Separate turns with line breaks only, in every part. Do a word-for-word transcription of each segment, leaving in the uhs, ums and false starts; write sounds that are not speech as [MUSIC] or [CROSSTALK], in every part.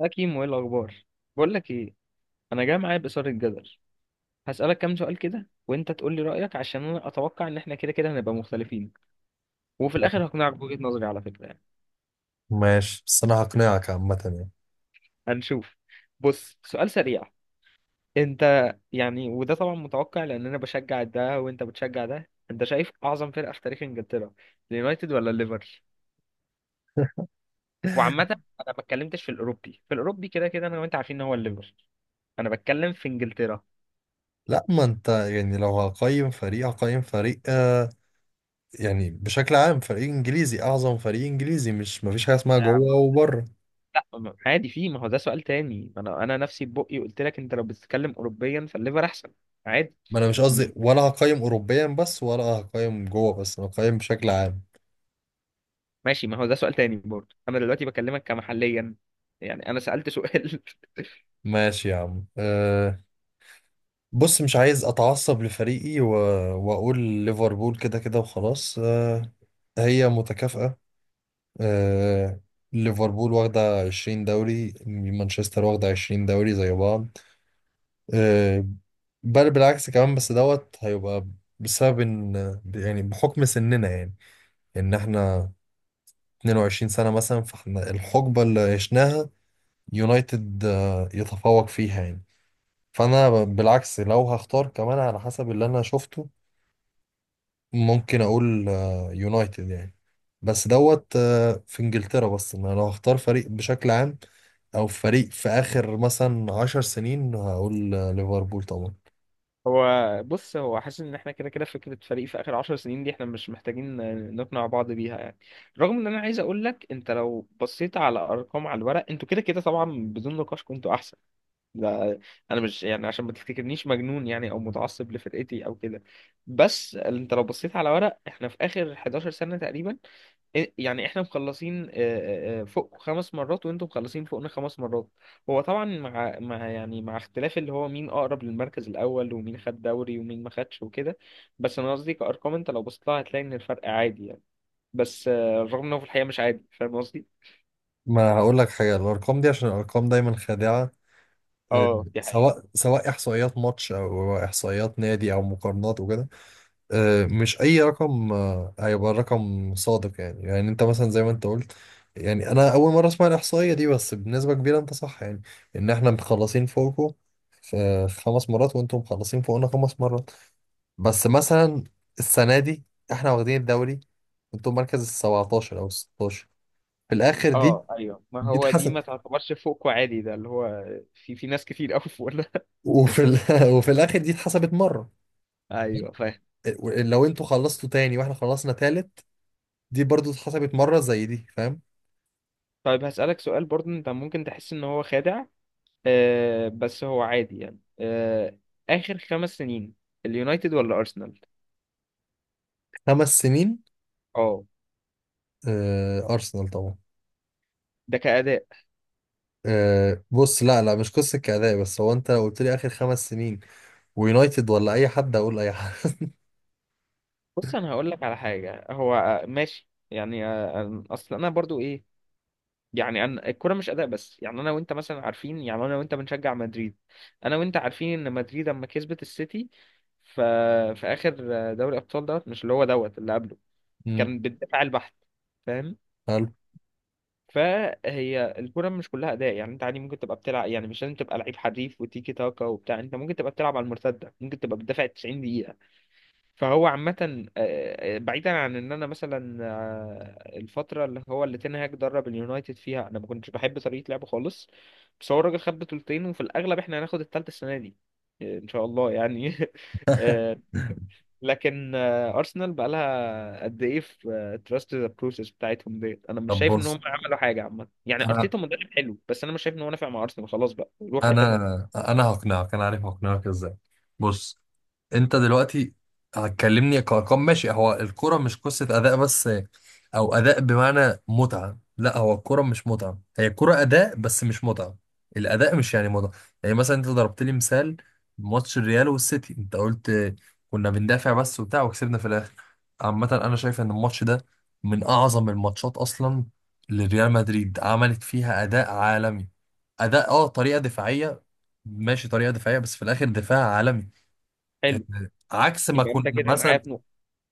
يا كيمو ايه الاخبار؟ بقول لك ايه، انا جاي معايا بإثارة الجدل. هسألك كام سؤال كده وانت تقول لي رأيك عشان انا اتوقع ان احنا كده كده هنبقى مختلفين، وفي الاخر هقنعك بوجهة نظري على فكرة يعني.
ماشي، بس انا هقنعك عامة يعني.
هنشوف. بص سؤال سريع، انت، يعني وده طبعا متوقع لان انا بشجع ده وانت بتشجع ده، انت شايف اعظم فرقة في تاريخ انجلترا اليونايتد ولا الليفر؟ وعامة انا ما اتكلمتش في الاوروبي، في الاوروبي كده كده انا وانت عارفين ان هو الليفر، انا بتكلم في انجلترا.
لا، ما انت يعني لو هقيم فريق هقيم فريق، آه يعني بشكل عام فريق انجليزي، اعظم فريق انجليزي، مش مفيش حاجة اسمها جوه وبره.
لا ما- عادي، في، ما هو ده سؤال تاني. ما انا انا نفسي ببقي قلت لك انت لو بتتكلم اوروبيا فالليفر احسن، عادي.
ما انا مش
م-
قصدي ولا هقيم اوروبيا بس ولا هقيم جوه بس، انا هقيم بشكل عام.
ماشي، ما هو ده سؤال تاني برضه، انا دلوقتي بكلمك كمحليا، يعني انا سألت سؤال. [LAUGHS]
ماشي يا عم، آه. بص مش عايز اتعصب لفريقي و... واقول ليفربول كده كده وخلاص، آه. هي متكافئة، آه، ليفربول واخدة عشرين دوري، مانشستر واخدة عشرين دوري، زي بعض، آه، بل بالعكس كمان بس دوت هيبقى بسبب ان يعني بحكم سننا يعني، ان احنا اتنين وعشرين سنة مثلا، فاحنا الحقبة اللي عشناها يونايتد، آه، يتفوق فيها يعني. فانا بالعكس لو هختار كمان على حسب اللي انا شفته ممكن اقول آه، يونايتد يعني، بس دوت آه، في انجلترا، بس انا لو هختار فريق بشكل عام او فريق في اخر مثلا عشر سنين هقول آه، ليفربول طبعا.
هو بص، هو حاسس ان احنا كده كده فكرة فريق في اخر عشر سنين دي احنا مش محتاجين نقنع بعض بيها يعني. رغم ان انا عايز اقول لك انت لو بصيت على ارقام، على الورق انتوا كده كده طبعا بدون نقاش كنتوا احسن. لا، انا مش يعني عشان ما تفتكرنيش مجنون يعني، او متعصب لفرقتي او كده. بس انت لو بصيت على ورق احنا في اخر حداشر سنة تقريبا، إيه- يعني احنا مخلصين، آه، آه، آه، فوق خمس مرات وانتم مخلصين فوقنا خمس مرات. هو طبعا مع مع يعني مع اختلاف اللي هو مين اقرب للمركز الاول ومين خد دوري ومين ما خدش وكده. بس انا قصدي كارقام، انت لو بصيت لها هتلاقي ان الفرق عادي يعني. بس آه، رغم انه في الحقيقة مش عادي، فاهم قصدي.
ما هقول لك حاجه، الارقام دي عشان الارقام دايما خادعه، آه،
اه دي حقيقة.
سواء سواء احصائيات ماتش او احصائيات نادي او مقارنات وكده، آه، مش اي رقم آه، هيبقى رقم صادق يعني. يعني انت مثلا زي ما انت قلت، يعني انا اول مره اسمع الاحصائيه دي بس بنسبه كبيره انت صح يعني، ان احنا مخلصين فوقكم في خمس مرات وانتم مخلصين فوقنا خمس مرات. بس مثلا السنه دي احنا واخدين الدوري، انتم مركز ال سبعتاشر او ال ستاشر في الاخر دي،
اه ايوه، ما
دي
هو دي
اتحسب.
ما تعتبرش فوق عادي، ده اللي هو في في ناس كتير قوي فوق ده.
وفي ال... [LAUGHS] وفي الاخر دي اتحسبت مره.
[LAUGHS] ايوه فاهم.
إيه، لو انتوا خلصتوا تاني واحنا خلصنا تالت دي برضو اتحسبت مره زي دي، فاهم؟
طيب هسألك سؤال برضه، انت ممكن تحس ان هو خادع، آه، بس هو عادي يعني. آه، اخر خمس سنين اليونايتد ولا ارسنال؟
خمس سنين؟
اه،
آه، أرسنال طبعا.
ده كأداء.
آه، بص، لا لا، مش قصة كأداء، بس هو أنت لو قلت لي آخر خمس سنين ويونايتد ولا أي حد أقول أي حد. [LAUGHS]
بص انا هقول لك على حاجة، هو آه، ماشي يعني، آه، آه، اصل انا برضو ايه يعني. أنا الكرة مش أداء بس، يعني أنا وأنت مثلا عارفين، يعني أنا وأنت بنشجع مدريد، أنا وأنت عارفين إن مدريد لما كسبت السيتي ف... في آخر دوري أبطال دوت، مش اللي هو دوت اللي قبله،
مم.
كان بالدفاع البحت. فاهم؟
حلو.
فهي الكرة مش كلها أداء، يعني أنت عادي ممكن تبقى بتلعب، يعني مش لازم تبقى لعيب حريف وتيكي تاكا وبتاع، أنت ممكن تبقى بتلعب على المرتدة، ممكن تبقى بتدافع تسعين دقيقة. فهو عامة آه، بعيدا عن ان انا مثلا آه، الفترة اللي هو اللي تين هاج درب اليونايتد فيها انا ما كنتش بحب طريقة لعبه خالص، بس هو الراجل خد بطولتين وفي الاغلب احنا هناخد التالتة السنة دي، آه، ان شاء الله يعني. [LAUGHS] آه، لكن آه، ارسنال بقى لها قد ايه في تراست ذا بروسيس بتاعتهم ديت، انا مش
طب
شايف ان
بص،
هم عملوا حاجة عامة يعني.
انا
ارتيتا مدرب حلو، بس انا مش شايف ان هو نافع مع ارسنال، خلاص بقى روح حتة
انا
تانية.
انا هقنعك، انا عارف هقنعك ازاي. بص، انت دلوقتي هتكلمني كارقام، ماشي، هو الكرة مش قصة اداء بس، او اداء بمعنى متعة. لا، هو الكرة مش متعة، هي الكرة اداء بس مش متعة. الاداء مش يعني متعة. يعني مثلا انت ضربت لي مثال ماتش الريال والسيتي، انت قلت كنا بندافع بس وبتاع وكسبنا في الاخر. عامة انا شايف ان الماتش ده من اعظم الماتشات اصلا لريال مدريد، عملت فيها اداء عالمي. اداء، اه، طريقة دفاعية، ماشي، طريقة دفاعية بس في الاخر دفاع عالمي.
حلو،
عكس ما
يبقى
اكون
انت كده معايا.
مثلا.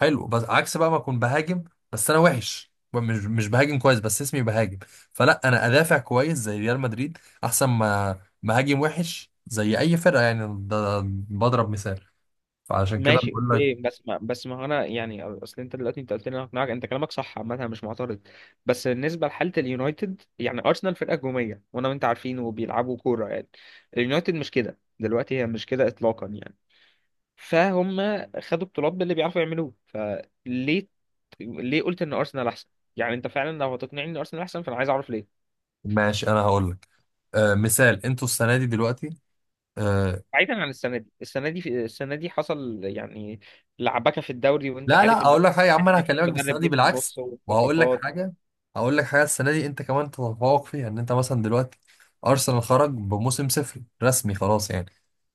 حلو، بس عكس بقى ما اكون بهاجم، بس انا وحش، مش مش بهاجم كويس بس اسمي بهاجم. فلا، انا ادافع كويس زي ريال مدريد احسن ما مهاجم وحش زي اي فرقه يعني. ده بضرب مثال. فعشان كده
ماشي،
بقول لك.
اوكي، بس ما بس ما هو انا يعني، اصل انت دلوقتي انت قلت لي انا هقنعك، انت كلامك صح عامه، أنا مش معترض. بس بالنسبه لحاله اليونايتد، يعني ارسنال فرقه هجوميه وانا وانت عارفين وبيلعبوا كوره يعني، اليونايتد مش كده دلوقتي، هي مش كده اطلاقا يعني. فهم، خدوا بطولات باللي بيعرفوا يعملوه فليه، ليه قلت ان ارسنال احسن؟ يعني انت فعلا لو هتقنعني ان ارسنال احسن فانا عايز اعرف ليه.
ماشي، انا هقول لك، آه، مثال، انتوا السنه دي دلوقتي، آه،
بعيدا عن السنه دي، السنه دي في السنه دي حصل يعني لعبكه في الدوري وانت
لا
عارف
لا
ان
اقول
هو
لك حاجه يا عم، انا
احنا في
هكلمك بالسنه
مدرب
دي
جه في
بالعكس،
النص
وهقول لك
والصفقات،
حاجه. هقول لك حاجه، السنه دي انت كمان تتفوق فيها، ان انت مثلا دلوقتي ارسنال خرج بموسم صفري رسمي خلاص يعني،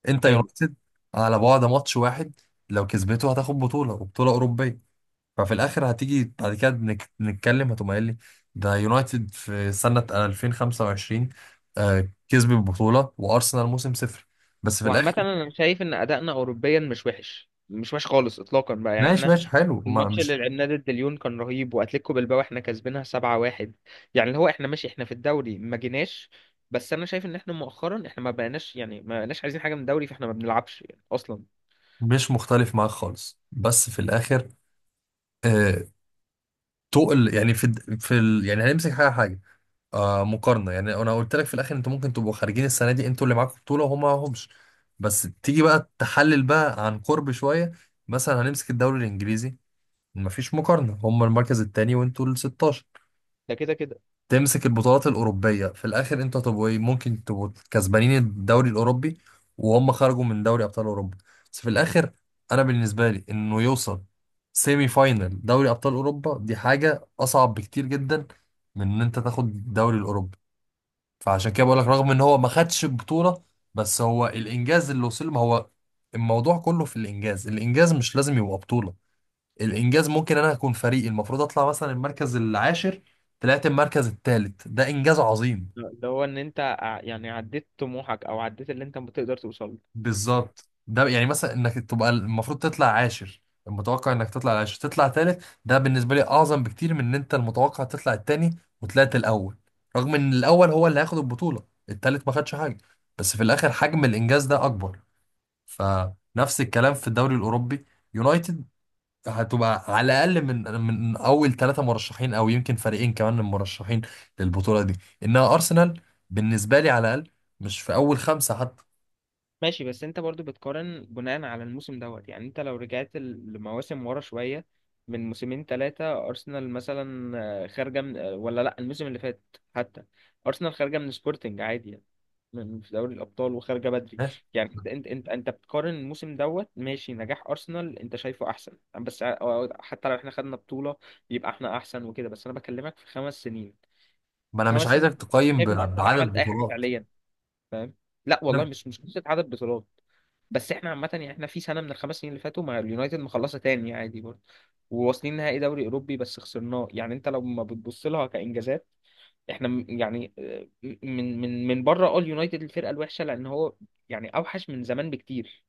انت
حلو.
يونايتد على بعد ماتش واحد، لو كسبته هتاخد بطوله وبطوله اوروبيه. ففي الاخر هتيجي بعد كده نك- نتكلم هتقوم قايل لي ده يونايتد في سنه ألفين وخمسة وعشرين، آه، كسب البطوله وارسنال موسم صفر. بس في
وعامة
الاخر
أنا شايف إن أدائنا أوروبيا مش وحش، مش وحش خالص إطلاقا بقى، يعني
ماشي
إحنا
ماشي حلو، ما
الماتش اللي
مش
لعبناه ضد ليون كان رهيب، وأتلتيكو بالباو إحنا كسبينها سبعة واحد، يعني اللي هو إحنا ماشي، إحنا في الدوري ما جيناش، بس أنا شايف إن إحنا مؤخرا إحنا ما بقيناش يعني ما بقيناش عايزين حاجة من الدوري، فإحنا ما بنلعبش يعني أصلا.
مش مختلف معاك خالص بس في الاخر، آه، تقل يعني في الد- في ال... يعني هنمسك حاجه حاجه آه، مقارنه. يعني انا قلت لك في الاخر انتوا ممكن تبقوا خارجين السنه دي، انتوا اللي معاكم بطوله وهم معاهمش، بس تيجي بقى تحلل بقى عن قرب شويه. مثلا هنمسك الدوري الانجليزي، مفيش مقارنه، هم المركز الثاني وانتوا ال ستاشر.
ده كده كده
تمسك البطولات الأوروبية في الآخر، أنت طب وإيه، ممكن تبقوا كسبانين الدوري الأوروبي وهم خرجوا من دوري أبطال أوروبا. بس في الآخر أنا بالنسبة لي إنه يوصل سيمي فاينل دوري أبطال أوروبا دي حاجة أصعب بكتير جدا من إن أنت تاخد الدوري الأوروبي. فعشان كده بقول لك رغم إن هو ما خدش البطولة، بس هو الإنجاز اللي وصل ما هو، الموضوع كله في الإنجاز. الإنجاز مش لازم يبقى بطولة. الانجاز ممكن انا اكون فريقي المفروض اطلع مثلا المركز العاشر، طلعت المركز الثالث، ده انجاز عظيم.
اللي هو إن أنت ع- يعني عديت طموحك، أو عديت اللي أنت بتقدر توصله.
بالظبط، ده يعني مثلا انك تبقى المفروض تطلع عاشر، المتوقع انك تطلع العاشر تطلع ثالث، ده بالنسبه لي اعظم بكتير من ان انت المتوقع تطلع الثاني وطلعت الاول، رغم ان الاول هو اللي هياخد البطوله الثالث ما خدش حاجه، بس في الاخر حجم الانجاز ده اكبر. فنفس الكلام في الدوري الاوروبي، يونايتد هتبقى على الاقل من من اول ثلاثه مرشحين، او يمكن فريقين كمان من المرشحين للبطوله دي، انها ارسنال بالنسبه لي، على الاقل مش في اول خمسه حتى.
ماشي، بس انت برضو بتقارن بناء على الموسم دوت، يعني انت لو رجعت ال- لمواسم ورا شوية، من موسمين ثلاثة أرسنال مثلا آه، خارجة من آه، ولا لأ الموسم اللي فات حتى، أرسنال خارجة من سبورتنج عادي يعني، من في دوري الأبطال وخارجة بدري.
ماشي،
يعني انت انت انت, انت بتقارن الموسم دوت، ماشي نجاح أرسنال انت شايفه أحسن، بس ع- أو- حتى لو احنا خدنا بطولة يبقى احنا أحسن وكده، بس أنا بكلمك في خمس سنين،
ما انا مش
خمس
عايزك
سنين
تقيم ب-
شايف إن أرسنال
بعدد
عملت أي حاجة
بطولات.
فعليا؟ فاهم. لا والله،
نعم.
مش مش قصه عدد بطولات. بس احنا عامه يعني احنا في سنه من الخمس سنين اللي فاتوا مع اليونايتد مخلصه تاني عادي برضه، وواصلين نهائي دوري اوروبي بس خسرناه، يعني انت لو ما بتبص لها كانجازات احنا م- يعني آه، م- من من من بره اه اليونايتد الفرقه الوحشه، لان هو يعني اوحش من زمان بكتير،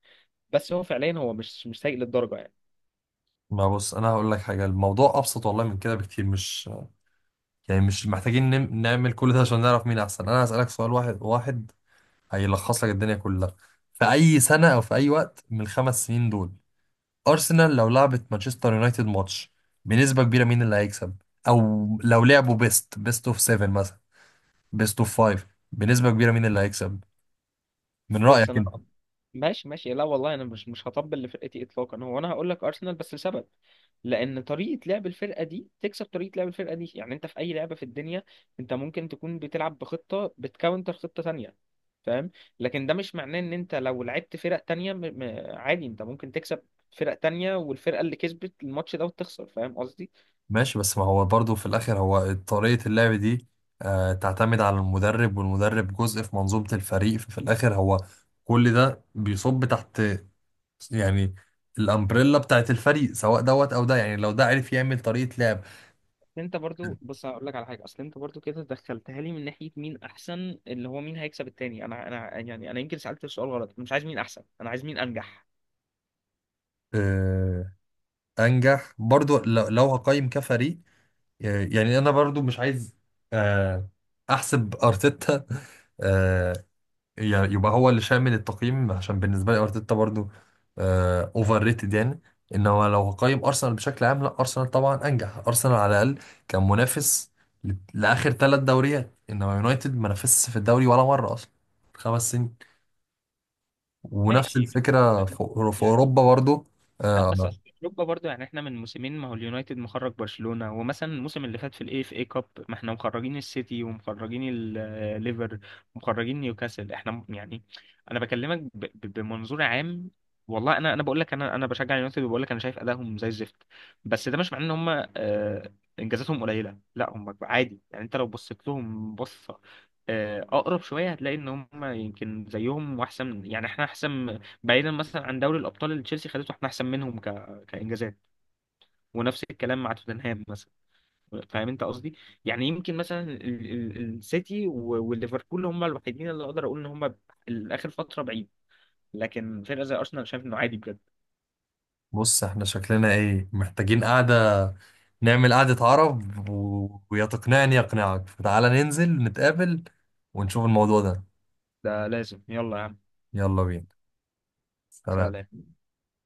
بس هو فعليا هو مش مش سيء للدرجه يعني.
ما بص، انا هقول لك حاجه، الموضوع ابسط والله من كده بكتير، مش يعني مش محتاجين نم- نعمل كل ده عشان نعرف مين احسن. انا هسالك سؤال واحد واحد هيلخص لك الدنيا كلها. في اي سنه او في اي وقت من الخمس سنين دول، أرسنال لو لعبت مانشستر يونايتد ماتش، بنسبة كبيرة مين اللي هيكسب؟ أو لو لعبوا بيست بيست أوف سبعة مثلا، بيست أوف خمسة، بنسبة كبيرة مين اللي هيكسب من
بص
رأيك
انا
أنت؟
ماشي، ماشي، لا والله انا مش مش هطبل لفرقتي اطلاقا، هو انا هقول لك ارسنال بس لسبب، لان طريقه لعب الفرقه دي تكسب طريقه لعب الفرقه دي. يعني انت في اي لعبه في الدنيا انت ممكن تكون بتلعب بخطه بتكاونتر خطه تانية، فاهم؟ لكن ده مش معناه ان انت لو لعبت فرق تانية م... م... عادي انت ممكن تكسب فرق تانية والفرقه اللي كسبت الماتش ده وتخسر، فاهم قصدي.
ماشي، بس ما هو برضو في الآخر هو طريقة اللعب دي، آه، تعتمد على المدرب، والمدرب جزء في منظومة الفريق. ففي الآخر هو كل ده بيصب تحت يعني الأمبريلا بتاعت الفريق، سواء دوت أو ده. يعني لو ده عرف يعمل طريقة لعب.
انت برضو بص هقول لك على حاجه، اصل انت برضو كده دخلتها لي من ناحيه مين احسن، اللي هو مين هيكسب التاني. انا انا يعني انا يمكن سالت السؤال غلط، انا مش عايز مين احسن، انا عايز مين انجح.
آه، أنجح، برضو لو لو هقيم كفريق، آه، يعني انا برضو مش عايز، آه، احسب ارتيتا، آه، ي- يبقى هو اللي شامل التقييم، عشان بالنسبه لي ارتيتا برضو اوفر ريتد يعني. انما لو هقيم ارسنال بشكل عام، لا، ارسنال طبعا انجح. ارسنال على الاقل كان منافس ل- لاخر ثلاث دوريات، انما يونايتد ما نافسش في الدوري ولا مره اصلا، خمس سنين. ونفس
ماشي.
الفكره
انت
في في
يعني،
اوروبا برضو،
لا بس
آه.
أصل اوروبا برضو، يعني احنا من موسمين ما هو اليونايتد مخرج برشلونة، ومثلا الموسم اللي فات في الاي اف اي كاب ما احنا مخرجين السيتي ومخرجين الليفر ومخرجين نيوكاسل، احنا م- يعني انا بكلمك ب- ب- بمنظور عام. والله انا انا بقول لك انا انا بشجع اليونايتد، وبقول لك انا شايف ادائهم زي الزفت، بس ده مش معناه ان هم آه، انجازاتهم قليلة، لا هم عادي. يعني انت لو بصيت لهم بصة آه، اقرب شوية هتلاقي ان هم يمكن زيهم واحسن، يعني احنا احسن بعيدا مثلا عن دوري الابطال اللي تشيلسي خدته، احنا احسن منهم ك... كانجازات. ونفس الكلام مع توتنهام مثلا، فاهم انت قصدي. يعني يمكن مثلا ال- ال- السيتي و- والليفربول هم الوحيدين اللي اقدر اقول ان هم الاخر فتره بعيد، لكن فرقه زي ارسنال شايف انه عادي بجد.
بص احنا شكلنا ايه، محتاجين قعدة، نعمل قعدة عرب و... ويا تقنعني يقنعك، فتعالى ننزل نتقابل ونشوف الموضوع ده.
ده لازم، يلا يا عم.
يلا بينا، سلام.
سلام.